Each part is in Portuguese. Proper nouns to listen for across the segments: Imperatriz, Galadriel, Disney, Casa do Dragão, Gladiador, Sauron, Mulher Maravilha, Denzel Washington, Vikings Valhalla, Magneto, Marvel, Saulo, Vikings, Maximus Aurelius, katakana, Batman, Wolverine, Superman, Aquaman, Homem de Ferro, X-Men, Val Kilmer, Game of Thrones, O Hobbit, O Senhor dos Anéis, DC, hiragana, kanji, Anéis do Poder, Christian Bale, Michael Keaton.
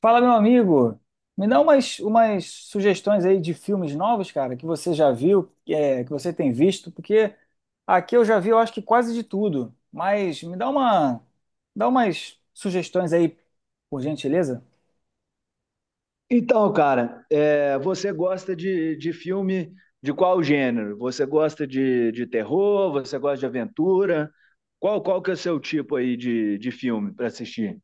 Fala, meu amigo. Me dá umas sugestões aí de filmes novos, cara, que você já viu, que você tem visto, porque aqui eu já vi, eu acho que quase de tudo. Mas me dá dá umas sugestões aí, por gentileza. Então, cara, você gosta de filme de qual gênero? Você gosta de terror? Você gosta de aventura? Qual que é o seu tipo aí de filme para assistir?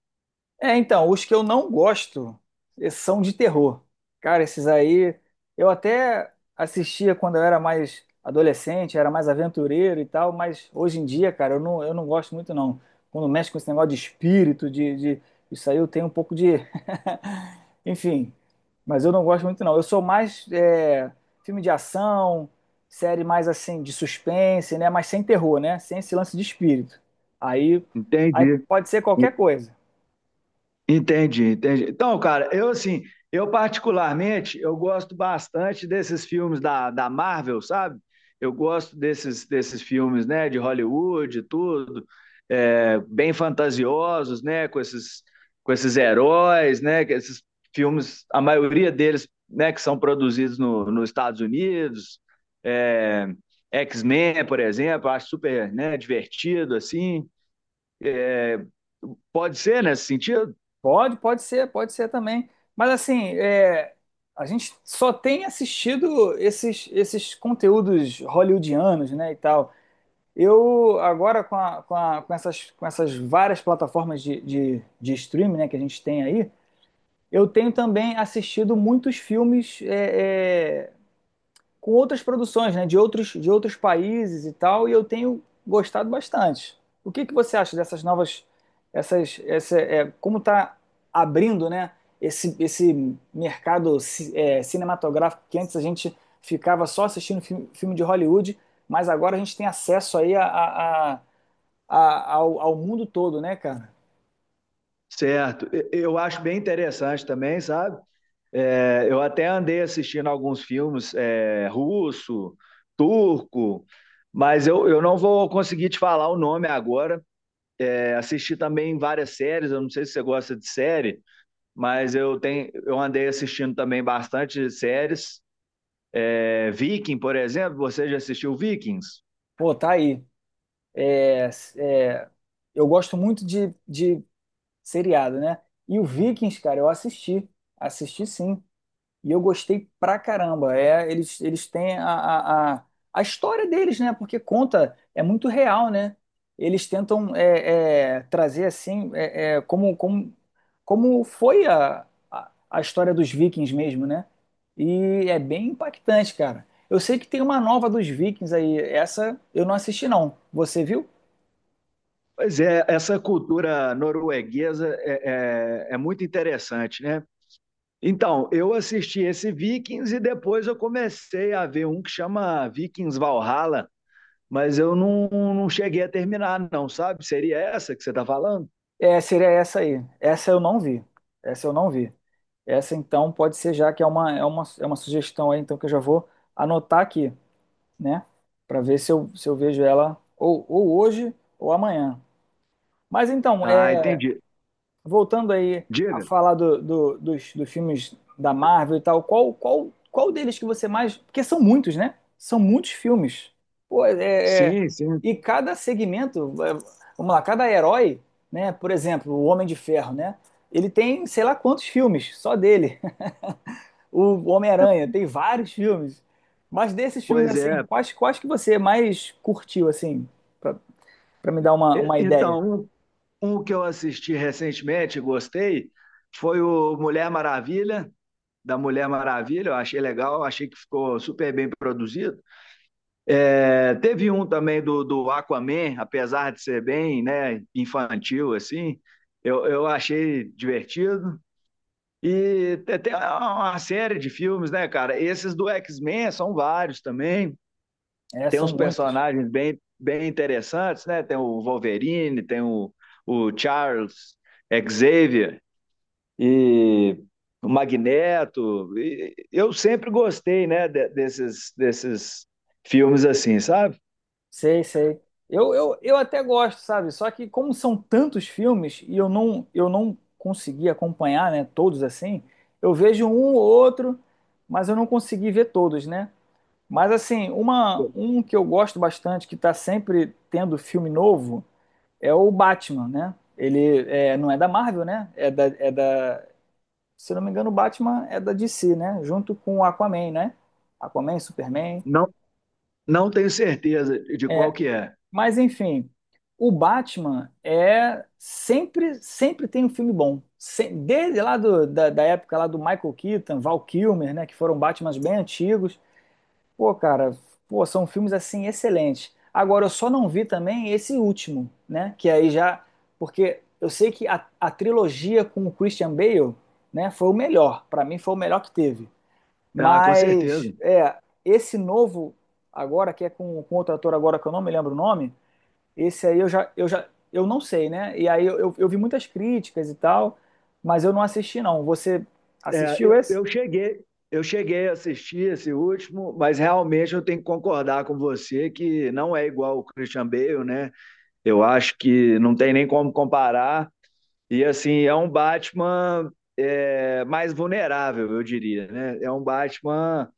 É, então, os que eu não gosto são de terror. Cara, esses aí eu até assistia quando eu era mais adolescente, era mais aventureiro e tal, mas hoje em dia, cara, eu não gosto muito não. Quando mexe com esse negócio de espírito, de isso aí eu tenho um pouco de. Enfim, mas eu não gosto muito não. Eu sou mais filme de ação, série mais assim de suspense, né? Mas sem terror, né? Sem esse lance de espírito. Aí, aí Entendi. pode ser qualquer coisa. Entendi. Então, cara, eu assim, eu particularmente, eu gosto bastante desses filmes da Marvel, sabe? Eu gosto desses filmes, né, de Hollywood, e tudo, bem fantasiosos, né, com esses heróis, né, que esses filmes, a maioria deles, né, que são produzidos no, nos Estados Unidos, é, X-Men, por exemplo, eu acho super, né, divertido, assim. É, Pode ser nesse sentido? Pode ser também. Mas assim, é, a gente só tem assistido esses conteúdos hollywoodianos, né, e tal. Eu agora com com essas várias plataformas de streaming, né, que a gente tem aí, eu tenho também assistido muitos filmes com outras produções, né, de outros países e tal, e eu tenho gostado bastante. O que você acha dessas novas, como está abrindo, né, esse mercado cinematográfico que antes a gente ficava só assistindo filme de Hollywood, mas agora a gente tem acesso aí ao mundo todo, né, cara? Certo. Eu acho bem interessante também, sabe? Eu até andei assistindo alguns filmes russo, turco, mas eu não vou conseguir te falar o nome agora. É, assisti também várias séries, eu não sei se você gosta de série, mas eu tenho, eu andei assistindo também bastante séries. É, Viking, por exemplo, você já assistiu Vikings? Pô, tá aí. É, é, Eu gosto muito de seriado, né? E o Vikings, cara, assisti sim. E eu gostei pra caramba. É, eles têm a história deles, né? Porque conta, é muito real, né? Eles tentam trazer assim, como foi a história dos Vikings mesmo, né? E é bem impactante, cara. Eu sei que tem uma nova dos Vikings aí. Essa eu não assisti, não. Você viu? Pois é, essa cultura norueguesa é muito interessante, né? Então, eu assisti esse Vikings e depois eu comecei a ver um que chama Vikings Valhalla, mas eu não, não cheguei a terminar, não, sabe? Seria essa que você está falando? É, seria essa aí. Essa eu não vi. Essa eu não vi. Essa então pode ser já que é é uma sugestão aí, então que eu já vou anotar aqui, né? Para ver se eu vejo ela ou hoje ou amanhã. Mas então, é. Ah, entendi. Voltando aí a Diga. falar dos filmes da Marvel e tal, qual deles que você mais. Porque são muitos, né? São muitos filmes. Pô, é, é- Sim, sim. E cada segmento, é, vamos lá, cada herói, né? Por exemplo, o Homem de Ferro, né? Ele tem sei lá quantos filmes, só dele. O É, Homem-Aranha tem vários filmes. Mas desses filmes, pois assim, é. Quais que você mais curtiu, assim, pra, pra me dar uma ideia? Então, um que eu assisti recentemente, e gostei, foi o Mulher Maravilha, da Mulher Maravilha. Eu achei legal, achei que ficou super bem produzido. É, teve um também do Aquaman, apesar de ser bem né, infantil, assim, eu achei divertido. E tem uma série de filmes, né, cara? Esses do X-Men são vários também. É, Tem são uns muitos. personagens bem interessantes, né? Tem o Wolverine, tem o Charles Xavier e o Magneto. E eu sempre gostei, né, desses filmes assim, sabe? Sei, sei. Eu até gosto, sabe? Só que como são tantos filmes e eu não consegui acompanhar, né, todos assim, eu vejo um ou outro, mas eu não consegui ver todos, né? Mas assim, uma um que eu gosto bastante, que tá sempre tendo filme novo, é o Batman, né? Ele é, não é da Marvel, né? Se eu não me engano, o Batman é da DC, né? Junto com o Aquaman, né? Aquaman, Superman. Não, não tenho certeza de qual que é. Mas enfim, o Batman é sempre tem um filme bom. Desde lá da época lá do Michael Keaton, Val Kilmer, né, que foram Batmans bem antigos. Pô, cara, pô, são filmes assim excelentes. Agora eu só não vi também esse último, né, que aí já porque eu sei que a trilogia com o Christian Bale, né, foi o melhor. Pra mim foi o melhor que teve. Ah, com certeza. Mas é esse novo agora que é com outro ator agora que eu não me lembro o nome esse aí eu não sei, né? E aí eu vi muitas críticas e tal, mas eu não assisti, não. Você É, assistiu esse? Eu cheguei a assistir esse último, mas realmente eu tenho que concordar com você que não é igual o Christian Bale, né? Eu acho que não tem nem como comparar. E assim, é um Batman mais vulnerável, eu diria, né? É um Batman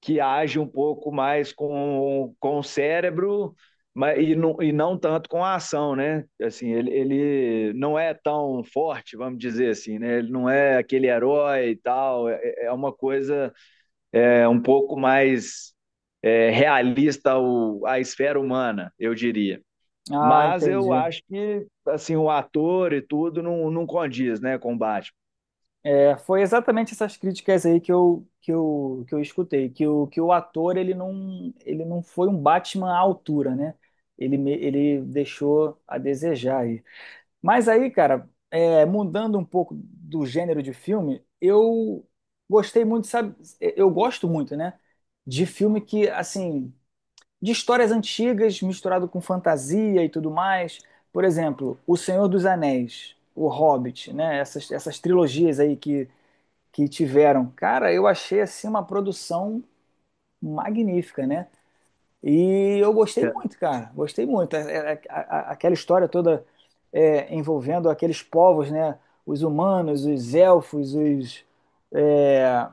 que age um pouco mais com o cérebro mas, e não tanto com a ação, né? Assim, ele não é tão forte, vamos dizer assim, né? Ele não é aquele herói e tal, é uma coisa um pouco mais realista ao, à esfera humana, eu diria. Ah, Mas eu entendi. acho que assim o ator e tudo não, não condiz né, com o Batman. É, foi exatamente essas críticas aí que eu escutei, que o ator ele não foi um Batman à altura, né? Ele deixou a desejar aí. Mas aí, cara, é, mudando um pouco do gênero de filme, eu gostei muito, sabe? Eu gosto muito, né? De filme que, assim, de histórias antigas misturado com fantasia e tudo mais. Por exemplo, O Senhor dos Anéis, O Hobbit, né? Essas trilogias aí que tiveram. Cara, eu achei assim uma produção magnífica, né? E eu gostei muito, cara. Gostei muito. A- Aquela história toda é, envolvendo aqueles povos, né? Os humanos, os elfos, é,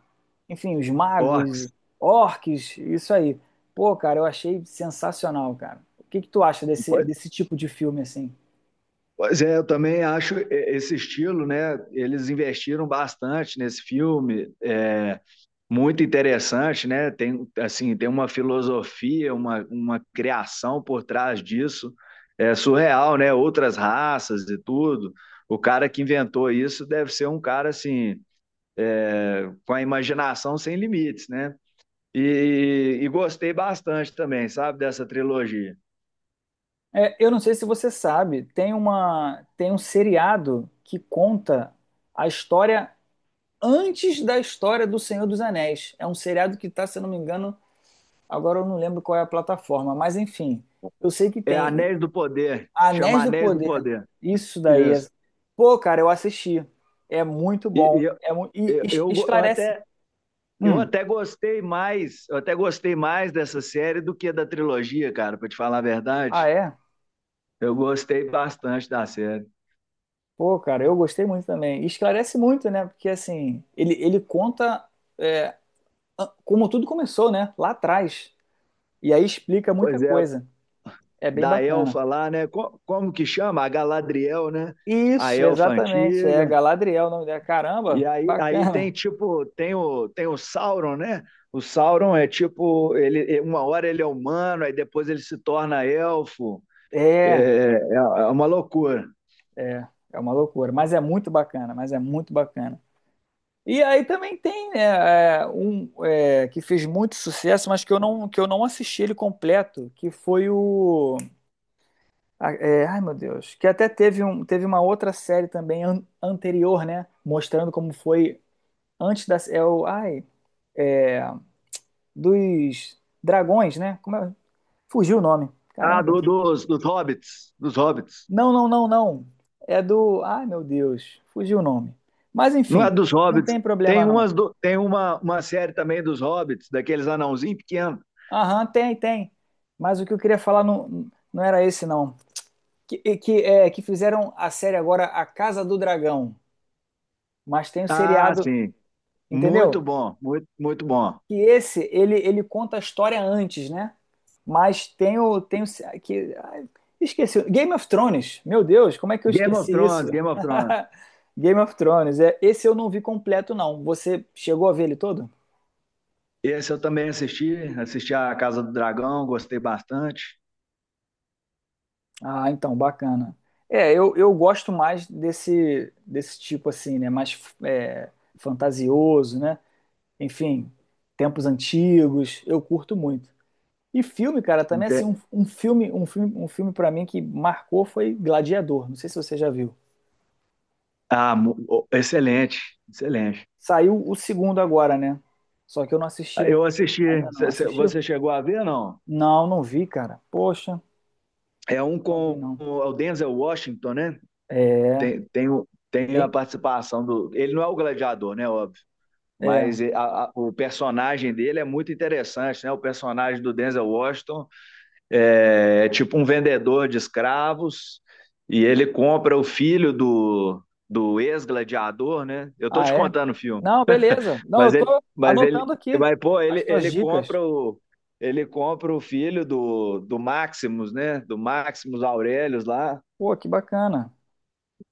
enfim, os Orcs, magos, orques, isso aí. Pô, cara, eu achei sensacional, cara. O que que tu acha desse, desse tipo de filme assim? pois é, eu também acho esse estilo, né? Eles investiram bastante nesse filme, é muito interessante, né? Tem assim, tem uma filosofia, uma criação por trás disso, é surreal, né? Outras raças e tudo. O cara que inventou isso deve ser um cara assim, é, com a imaginação sem limites, né? E gostei bastante também, sabe, dessa trilogia. É, eu não sei se você sabe, tem tem um seriado que conta a história antes da história do Senhor dos Anéis. É um seriado que está, se eu não me engano, agora eu não lembro qual é a plataforma, mas enfim, eu sei que É tem Anéis do Poder, Anéis chama do Anéis do Poder. Poder. Isso daí. Isso. Pô, cara, eu assisti. É muito E, bom. e Eu, eu, eu Esclarece. até, eu Hum. até gostei mais, eu até gostei mais dessa série do que da trilogia, cara, pra te falar a Ah, verdade. é? Eu gostei bastante da série. Pô, cara, eu gostei muito também. E esclarece muito, né? Porque assim, ele conta é, como tudo começou, né? Lá atrás. E aí explica muita Pois é, coisa. É bem da bacana. elfa lá, né? Como que chama? A Galadriel, né? A Isso, elfa exatamente. É antiga. Galadriel o nome dela. Caramba, Aí tem bacana. tipo, tem tem o Sauron, né? O Sauron é tipo, ele, uma hora ele é humano, aí depois ele se torna elfo. É. É uma loucura. É, é uma loucura, mas é muito bacana, mas é muito bacana. E aí também tem né, que fez muito sucesso, mas que eu não assisti ele completo, que foi o. Ai meu Deus, que até teve, teve uma outra série também anterior, né? Mostrando como foi antes da. É, dos dragões, né? Como é? Fugiu o nome. Ah, Caramba. Dos hobbits, dos hobbits. Não, não, não, não. É do. Ai, meu Deus, fugiu o nome. Mas Não enfim, é dos não hobbits. tem problema não. Tem uma série também dos hobbits, daqueles anãozinhos pequenos. Aham, tem, tem. Mas o que eu queria falar não, não era esse, não. Que, e que, é, que fizeram a série agora A Casa do Dragão. Mas tem o Ah, seriado, sim. Muito entendeu? bom, muito bom. Que esse ele, ele conta a história antes, né? Mas tem o que ai, esqueci Game of Thrones. Meu Deus, como é que eu Game of esqueci isso? Thrones, Game of Thrones. Game of Thrones. É, esse eu não vi completo não. Você chegou a ver ele todo? Esse eu também assisti, assisti a Casa do Dragão, gostei bastante. Ah, então bacana. É, eu gosto mais desse tipo assim, né? Mais é, fantasioso, né? Enfim, tempos antigos. Eu curto muito. E filme, cara, também assim, Inte- um filme para mim que marcou foi Gladiador. Não sei se você já viu. Ah, oh, excelente, excelente. Saiu o segundo agora, né? Só que eu não assisti Eu assisti, ainda não. Assistiu? você chegou a ver, não? Não, não vi, cara. Poxa, É um não vi com não. o Denzel Washington, né? É, Tem tem, a participação do. Ele não é o gladiador, né? é. Mas o personagem dele é muito interessante, né? O personagem do Denzel Washington é tipo um vendedor de escravos e ele compra o filho do ex-gladiador, né? Eu tô Ah, te é? contando o filme, Não, beleza. Não, mas eu tô anotando aqui mas pô, as ele, tuas ele dicas. compra o ele compra o filho do Maximus, né? Do Maximus Aurelius lá Pô, que bacana.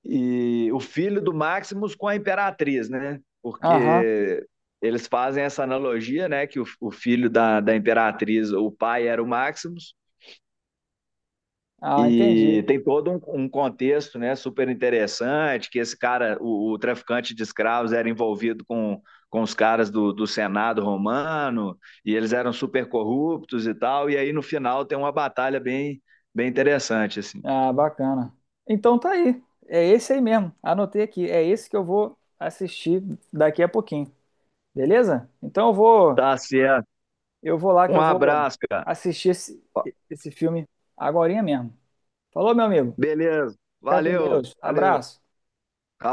e o filho do Maximus com a Imperatriz, né? Aham. Porque eles fazem essa analogia, né? Que o filho da Imperatriz, o pai era o Maximus, Ah, entendi. e tem todo um contexto, né? Super interessante, que esse cara, o traficante de escravos, era envolvido com os caras do Senado romano, e eles eram super corruptos e tal, e aí no final tem uma batalha bem, bem interessante, assim. Ah, bacana. Então tá aí. É esse aí mesmo. Anotei aqui. É esse que eu vou assistir daqui a pouquinho. Beleza? Então Tá certo. eu vou lá que Um eu vou abraço, cara. assistir esse filme agorinha mesmo. Falou, meu amigo. Beleza. Fica com Valeu, Deus. valeu. Abraço.